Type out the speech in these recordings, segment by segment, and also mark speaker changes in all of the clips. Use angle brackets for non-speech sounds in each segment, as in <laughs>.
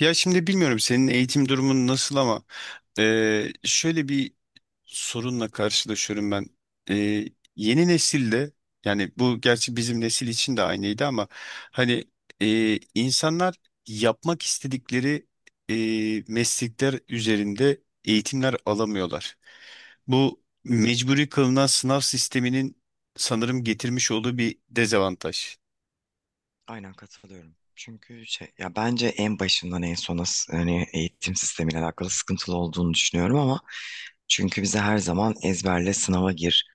Speaker 1: Ya şimdi bilmiyorum senin eğitim durumun nasıl ama şöyle bir sorunla karşılaşıyorum ben. Yeni nesilde, yani bu gerçi bizim nesil için de aynıydı ama hani insanlar yapmak istedikleri meslekler üzerinde eğitimler alamıyorlar. Bu
Speaker 2: Evet,
Speaker 1: mecburi kılınan sınav sisteminin sanırım getirmiş olduğu bir dezavantaj.
Speaker 2: aynen katılıyorum. Çünkü bence en başından en sona hani eğitim sistemiyle alakalı sıkıntılı olduğunu düşünüyorum ama çünkü bize her zaman ezberle sınava gir.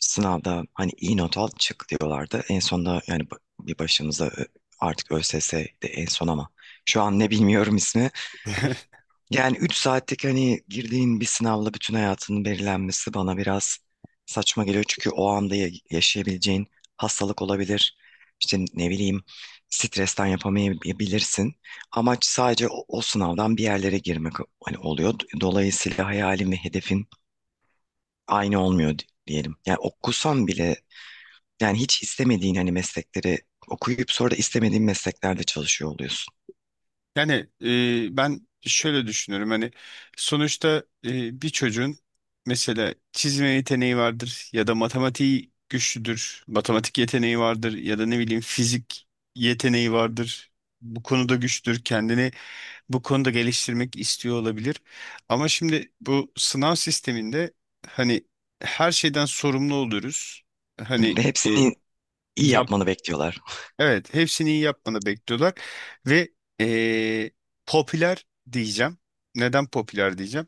Speaker 2: Sınavda hani iyi not al çık diyorlardı. En sonunda yani bir başımıza artık ÖSS de en son ama şu an ne bilmiyorum ismi.
Speaker 1: <laughs>
Speaker 2: Yani 3 saatlik hani girdiğin bir sınavla bütün hayatının belirlenmesi bana biraz saçma geliyor. Çünkü o anda yaşayabileceğin hastalık olabilir. İşte ne bileyim stresten yapamayabilirsin. Amaç sadece o sınavdan bir yerlere girmek hani oluyor. Dolayısıyla hayalin ve hedefin aynı olmuyor diyelim. Yani okusan bile yani hiç istemediğin hani meslekleri okuyup sonra da istemediğin mesleklerde çalışıyor oluyorsun.
Speaker 1: Yani ben şöyle düşünüyorum. Hani sonuçta bir çocuğun mesela çizme yeteneği vardır ya da matematiği güçlüdür, matematik yeteneği vardır ya da ne bileyim fizik yeteneği vardır. Bu konuda güçlüdür, kendini bu konuda geliştirmek istiyor olabilir. Ama şimdi bu sınav sisteminde hani her şeyden sorumlu oluruz. Hani
Speaker 2: Ve
Speaker 1: e,
Speaker 2: hepsini iyi
Speaker 1: yap
Speaker 2: yapmanı bekliyorlar.
Speaker 1: evet, hepsini iyi yapmanı bekliyorlar ve eee, popüler diyeceğim. Neden popüler diyeceğim?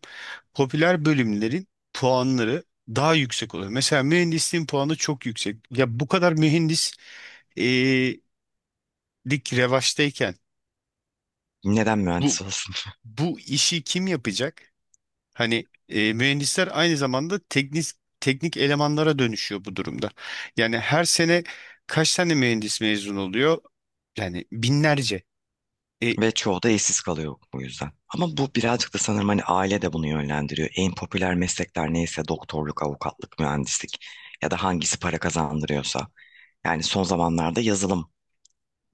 Speaker 1: Popüler bölümlerin puanları daha yüksek oluyor. Mesela mühendisliğin puanı çok yüksek. Ya bu kadar mühendislik revaçtayken
Speaker 2: Neden
Speaker 1: bu
Speaker 2: mühendis?
Speaker 1: bu işi kim yapacak? Hani mühendisler aynı zamanda teknik elemanlara dönüşüyor bu durumda. Yani her sene kaç tane mühendis mezun oluyor? Yani binlerce. E,
Speaker 2: Ve çoğu da işsiz kalıyor bu yüzden. Ama bu birazcık da sanırım hani aile de bunu yönlendiriyor. En popüler meslekler neyse doktorluk, avukatlık, mühendislik ya da hangisi para kazandırıyorsa. Yani son zamanlarda yazılım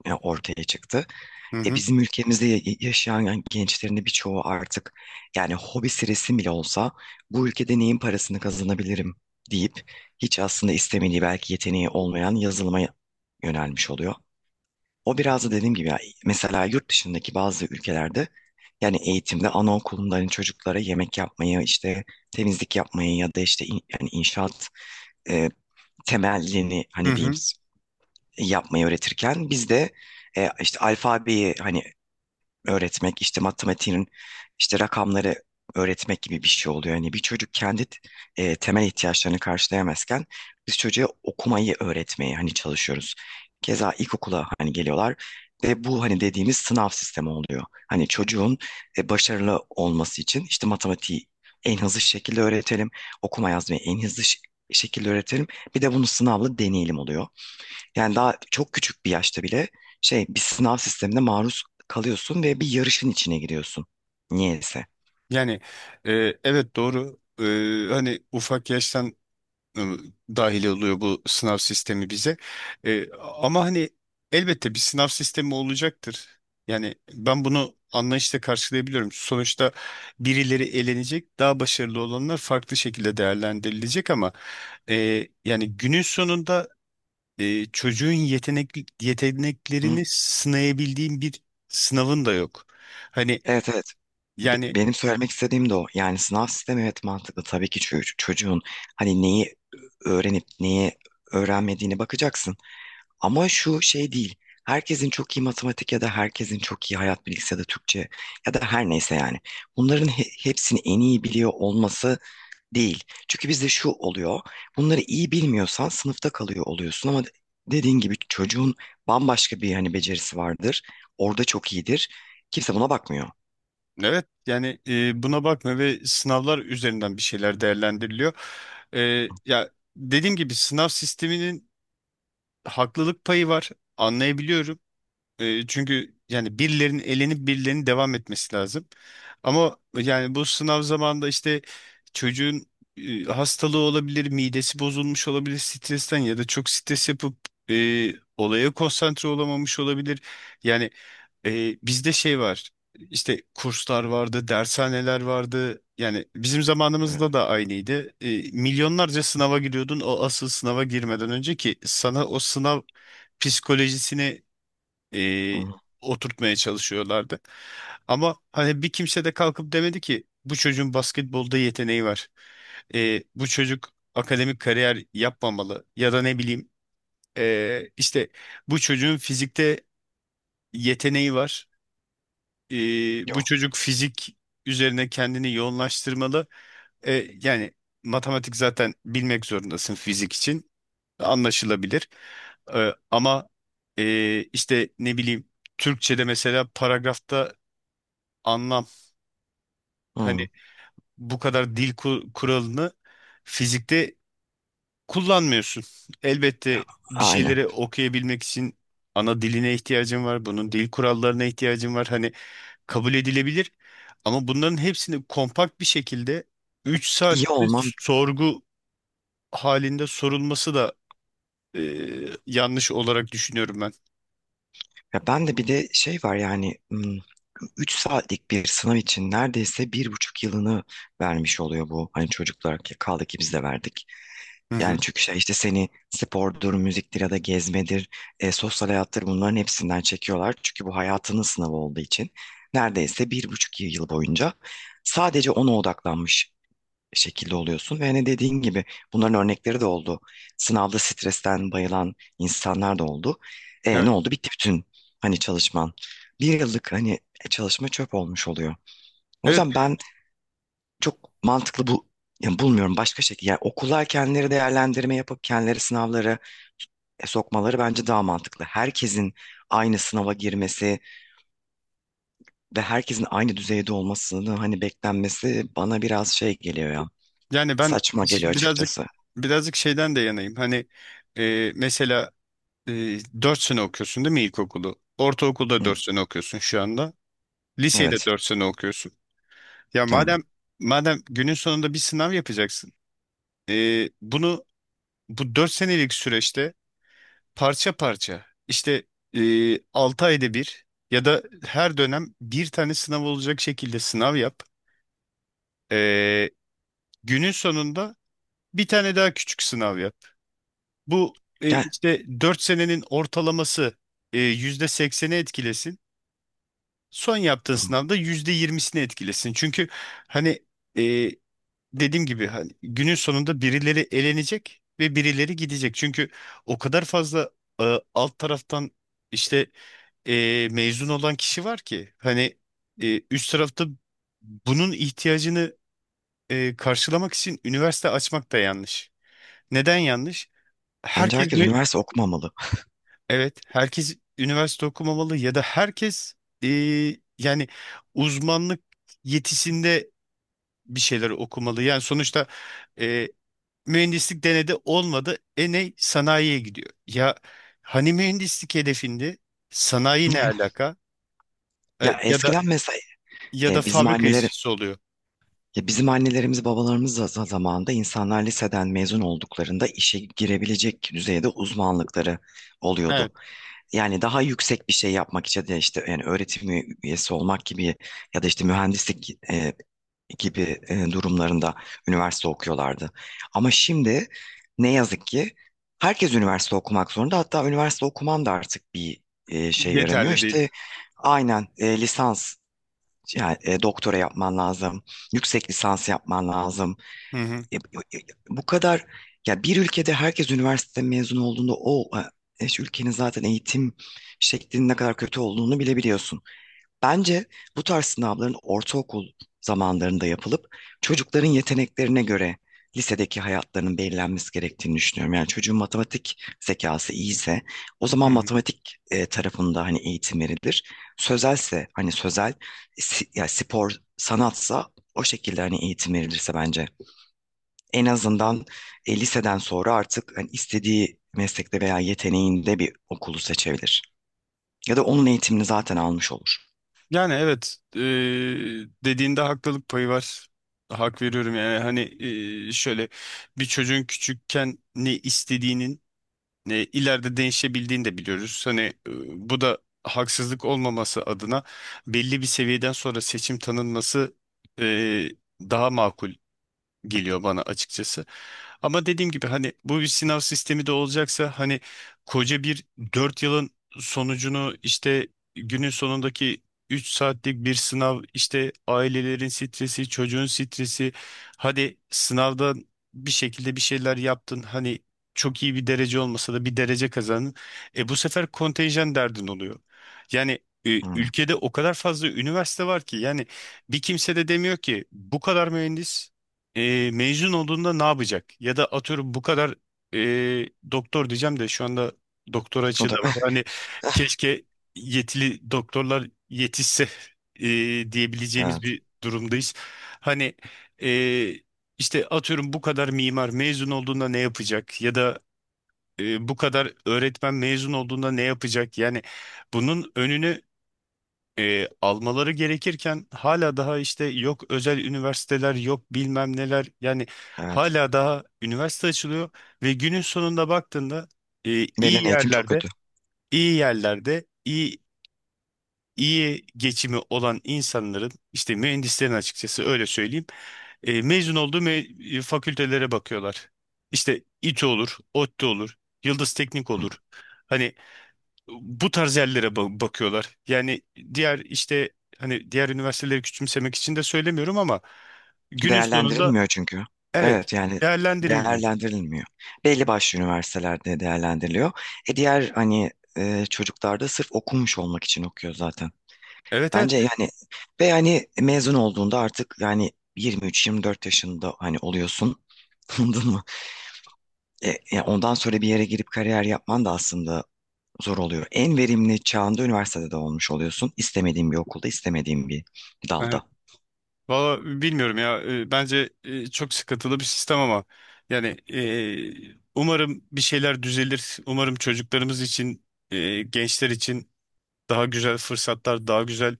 Speaker 2: ortaya çıktı.
Speaker 1: hı
Speaker 2: E
Speaker 1: hı.
Speaker 2: bizim ülkemizde yaşayan gençlerin de birçoğu artık yani hobisi resim bile olsa bu ülkede neyin parasını kazanabilirim deyip hiç aslında istemediği belki yeteneği olmayan yazılıma yönelmiş oluyor. O biraz da dediğim gibi ya, mesela yurt dışındaki bazı ülkelerde yani eğitimde anaokulunda hani çocuklara yemek yapmayı işte temizlik yapmayı ya da işte yani inşaat e, temelini
Speaker 1: Hı
Speaker 2: hani diyeyim
Speaker 1: hı.
Speaker 2: yapmayı öğretirken bizde işte alfabeyi hani öğretmek, işte matematiğin işte rakamları öğretmek gibi bir şey oluyor. Yani bir çocuk kendi temel ihtiyaçlarını karşılayamazken biz çocuğa okumayı öğretmeye hani çalışıyoruz. Keza ilkokula hani geliyorlar ve bu hani dediğimiz sınav sistemi oluyor. Hani çocuğun başarılı olması için işte matematiği en hızlı şekilde öğretelim, okuma yazmayı en hızlı şekilde öğretelim. Bir de bunu sınavla deneyelim oluyor. Yani daha çok küçük bir yaşta bile şey bir sınav sistemine maruz kalıyorsun ve bir yarışın içine giriyorsun. Niyeyse.
Speaker 1: Yani e, evet, doğru. Hani ufak yaştan e, dahil oluyor bu sınav sistemi bize. Ama hani elbette bir sınav sistemi olacaktır. Yani ben bunu anlayışla karşılayabiliyorum. Sonuçta birileri elenecek, daha başarılı olanlar farklı şekilde değerlendirilecek, ama yani günün sonunda çocuğun
Speaker 2: Hı?
Speaker 1: yeteneklerini sınayabildiğin bir sınavın da yok. Hani
Speaker 2: Evet, evet.
Speaker 1: yani,
Speaker 2: Benim söylemek istediğim de o. Yani sınav sistemi evet mantıklı. Tabii ki çocuğun hani neyi öğrenip neyi öğrenmediğine bakacaksın. Ama şu şey değil. Herkesin çok iyi matematik ya da herkesin çok iyi hayat bilgisi ya da Türkçe ya da her neyse yani. Bunların hepsini en iyi biliyor olması değil. Çünkü bizde şu oluyor. Bunları iyi bilmiyorsan sınıfta kalıyor oluyorsun ama dediğin gibi çocuğun bambaşka bir hani becerisi vardır. Orada çok iyidir. Kimse buna bakmıyor.
Speaker 1: evet, yani, buna bakma ve sınavlar üzerinden bir şeyler değerlendiriliyor. E, ya dediğim gibi sınav sisteminin haklılık payı var, anlayabiliyorum, çünkü yani birilerinin elenip birilerinin devam etmesi lazım. Ama yani bu sınav zamanında işte çocuğun hastalığı olabilir, midesi bozulmuş olabilir stresten ya da çok stres yapıp olaya konsantre olamamış olabilir. Yani bizde şey var. İşte kurslar vardı, dershaneler vardı. Yani bizim
Speaker 2: Evet.
Speaker 1: zamanımızda da aynıydı. Milyonlarca sınava giriyordun o asıl sınava girmeden önce, ki sana o sınav psikolojisini e,
Speaker 2: Hı.
Speaker 1: oturtmaya çalışıyorlardı. Ama hani bir kimse de kalkıp demedi ki bu çocuğun basketbolda yeteneği var. Bu çocuk akademik kariyer yapmamalı ya da ne bileyim işte bu çocuğun fizikte yeteneği var. E, bu
Speaker 2: Yok.
Speaker 1: çocuk fizik üzerine kendini yoğunlaştırmalı. E, yani matematik zaten bilmek zorundasın fizik için, anlaşılabilir. Ama işte ne bileyim, Türkçe'de mesela paragrafta anlam, hani
Speaker 2: Hı.
Speaker 1: bu kadar dil kuralını fizikte kullanmıyorsun. Elbette
Speaker 2: Ya,
Speaker 1: bir
Speaker 2: aynen.
Speaker 1: şeyleri okuyabilmek için ana diline ihtiyacın var. Bunun dil kurallarına ihtiyacın var. Hani kabul edilebilir. Ama bunların hepsini kompakt bir şekilde 3
Speaker 2: İyi
Speaker 1: saatte
Speaker 2: olmam.
Speaker 1: sorgu halinde sorulması da e, yanlış olarak düşünüyorum ben.
Speaker 2: Ya ben de bir de şey var yani 3 saatlik bir sınav için neredeyse bir buçuk yılını vermiş oluyor bu. Hani çocuklar kaldı ki biz de verdik.
Speaker 1: Hı
Speaker 2: Yani
Speaker 1: hı.
Speaker 2: çünkü şey işte seni spordur, müziktir ya da gezmedir, sosyal hayattır bunların hepsinden çekiyorlar. Çünkü bu hayatının sınavı olduğu için neredeyse bir buçuk yıl boyunca sadece ona odaklanmış şekilde oluyorsun. Ve hani dediğin gibi bunların örnekleri de oldu. Sınavda stresten bayılan insanlar da oldu. E, ne oldu? Bitti bütün hani çalışman. Bir yıllık hani çalışma çöp olmuş oluyor. O
Speaker 1: Evet,
Speaker 2: yüzden ben çok mantıklı bu yani bulmuyorum başka şekilde. Yani okullar kendileri değerlendirme yapıp kendileri sınavları sokmaları bence daha mantıklı. Herkesin aynı sınava girmesi ve herkesin aynı düzeyde olmasını hani beklenmesi bana biraz şey geliyor ya.
Speaker 1: yani ben,
Speaker 2: Saçma geliyor
Speaker 1: ş- birazcık
Speaker 2: açıkçası.
Speaker 1: birazcık şeyden de yanayım. Hani mesela e, 4 sene okuyorsun değil mi ilkokulu? Ortaokulda
Speaker 2: Hı,
Speaker 1: 4 sene okuyorsun şu anda. Liseyi de
Speaker 2: evet.
Speaker 1: 4 sene okuyorsun. Ya
Speaker 2: Yani.
Speaker 1: madem günün sonunda bir sınav yapacaksın, bunu bu 4 senelik süreçte parça parça, işte 6 ayda bir ya da her dönem bir tane sınav olacak şekilde sınav yap. E, günün sonunda bir tane daha küçük sınav yap. Bu
Speaker 2: Gel.
Speaker 1: işte 4 senenin ortalaması %80'i etkilesin. Son yaptığın sınavda %20'sini etkilesin. Çünkü hani e, dediğim gibi hani günün sonunda birileri elenecek ve birileri gidecek. Çünkü o kadar fazla alt taraftan işte mezun olan kişi var ki, hani üst tarafta bunun ihtiyacını karşılamak için üniversite açmak da yanlış. Neden yanlış?
Speaker 2: Bence
Speaker 1: Herkes
Speaker 2: herkes
Speaker 1: mü-
Speaker 2: üniversite okumamalı.
Speaker 1: Evet, herkes üniversite okumamalı ya da herkes e, yani uzmanlık yetisinde bir şeyler okumalı. Yani sonuçta e, mühendislik denedi, olmadı. Ne? Sanayiye gidiyor. Ya hani mühendislik hedefinde sanayi ne
Speaker 2: <laughs>
Speaker 1: alaka? E,
Speaker 2: Ya
Speaker 1: ya da
Speaker 2: eskiden mesela
Speaker 1: evet,
Speaker 2: bizim
Speaker 1: fabrika yanlış
Speaker 2: anneleri,
Speaker 1: işçisi oluyor.
Speaker 2: ya bizim annelerimiz babalarımız da zamanında insanlar liseden mezun olduklarında işe girebilecek düzeyde uzmanlıkları
Speaker 1: Evet.
Speaker 2: oluyordu. Yani daha yüksek bir şey yapmak için de işte yani öğretim üyesi olmak gibi ya da işte mühendislik gibi durumlarında üniversite okuyorlardı. Ama şimdi ne yazık ki herkes üniversite okumak zorunda. Hatta üniversite okuman da artık bir
Speaker 1: Evet,
Speaker 2: şey
Speaker 1: yeterli,
Speaker 2: yaramıyor.
Speaker 1: evet, değil.
Speaker 2: İşte aynen lisans yani doktora yapman lazım. Yüksek lisans yapman lazım
Speaker 1: Hı hı.
Speaker 2: e, e, e, e, bu kadar ya bir ülkede herkes üniversite mezunu olduğunda o şu ülkenin zaten eğitim şeklinin ne kadar kötü olduğunu bilebiliyorsun. Bence bu tarz sınavların ortaokul zamanlarında yapılıp çocukların yeteneklerine göre lisedeki hayatlarının belirlenmesi gerektiğini düşünüyorum. Yani çocuğun matematik zekası iyiyse o
Speaker 1: Hı
Speaker 2: zaman
Speaker 1: hı.
Speaker 2: matematik tarafında hani eğitim verilir. Sözelse hani sözel ya spor sanatsa o şekilde hani eğitim verilirse bence en azından liseden sonra artık hani istediği meslekte veya yeteneğinde bir okulu seçebilir. Ya da onun eğitimini zaten almış olur.
Speaker 1: Yani evet, dediğinde haklılık payı var. Hak veriyorum. Yani hani şöyle, bir çocuğun küçükken ne istediğinin ne ileride değişebildiğini de biliyoruz. Hani bu da haksızlık olmaması adına belli bir seviyeden sonra seçim tanınması e, daha makul geliyor bana açıkçası. Ama dediğim gibi hani bu bir sınav sistemi de olacaksa, hani koca bir 4 yılın sonucunu, işte günün sonundaki 3 saatlik bir sınav, işte ailelerin stresi, çocuğun stresi, hadi sınavdan bir şekilde bir şeyler yaptın, hani çok iyi bir derece olmasa da bir derece kazandın. Bu sefer kontenjan derdin oluyor. Yani
Speaker 2: Hı.
Speaker 1: ülkede o kadar fazla üniversite var ki, yani bir kimse de demiyor ki bu kadar mühendis mezun olduğunda ne yapacak? Ya da atıyorum bu kadar doktor diyeceğim, de şu anda doktor
Speaker 2: O
Speaker 1: açığı
Speaker 2: da
Speaker 1: da var.
Speaker 2: <laughs>
Speaker 1: Hani keşke yetili doktorlar yetişse, diyebileceğimiz
Speaker 2: evet,
Speaker 1: bir durumdayız. Hani e, işte atıyorum bu kadar mimar mezun olduğunda ne yapacak? Ya da bu kadar öğretmen mezun olduğunda ne yapacak? Yani bunun önünü almaları gerekirken hala daha, işte yok özel üniversiteler, yok bilmem neler, yani
Speaker 2: evet.
Speaker 1: hala daha üniversite açılıyor ve günün sonunda baktığında e, iyi
Speaker 2: Verilen eğitim çok
Speaker 1: yerlerde
Speaker 2: kötü.
Speaker 1: iyi yerlerde iyi geçimi olan insanların, işte mühendislerin, açıkçası öyle söyleyeyim, mezun olduğu fakültelere bakıyorlar. İşte İTÜ olur, ODTÜ olur, Yıldız Teknik
Speaker 2: Hı.
Speaker 1: olur. Hani bu tarz yerlere bakıyorlar. Yani diğer, işte hani diğer üniversiteleri küçümsemek için de söylemiyorum, ama günün sonunda,
Speaker 2: Değerlendirilmiyor çünkü.
Speaker 1: evet,
Speaker 2: Evet yani
Speaker 1: değerlendirilmiyor.
Speaker 2: değerlendirilmiyor. Belli başlı üniversitelerde değerlendiriliyor. E diğer hani çocuklar da sırf okumuş olmak için okuyor zaten.
Speaker 1: Evet, evet.
Speaker 2: Bence yani ve yani mezun olduğunda artık yani 23-24 yaşında hani oluyorsun. <laughs> Anladın mı? Ondan sonra bir yere girip kariyer yapman da aslında zor oluyor. En verimli çağında üniversitede de olmuş oluyorsun. İstemediğin bir okulda, istemediğin bir dalda.
Speaker 1: Evet. Valla bilmiyorum ya. Bence çok sıkıntılı bir sistem, ama yani umarım bir şeyler düzelir. Umarım çocuklarımız için, gençler için daha güzel fırsatlar, daha güzel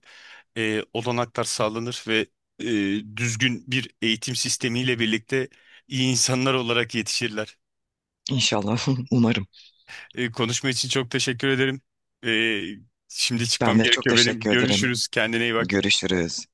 Speaker 1: olanaklar sağlanır ve düzgün bir eğitim sistemiyle birlikte iyi insanlar olarak yetişirler.
Speaker 2: İnşallah, <laughs> umarım.
Speaker 1: Konuşma için çok teşekkür ederim. E, şimdi çıkmam
Speaker 2: Ben de çok
Speaker 1: gerekiyor benim.
Speaker 2: teşekkür ederim.
Speaker 1: Görüşürüz. Kendine iyi bak.
Speaker 2: Görüşürüz.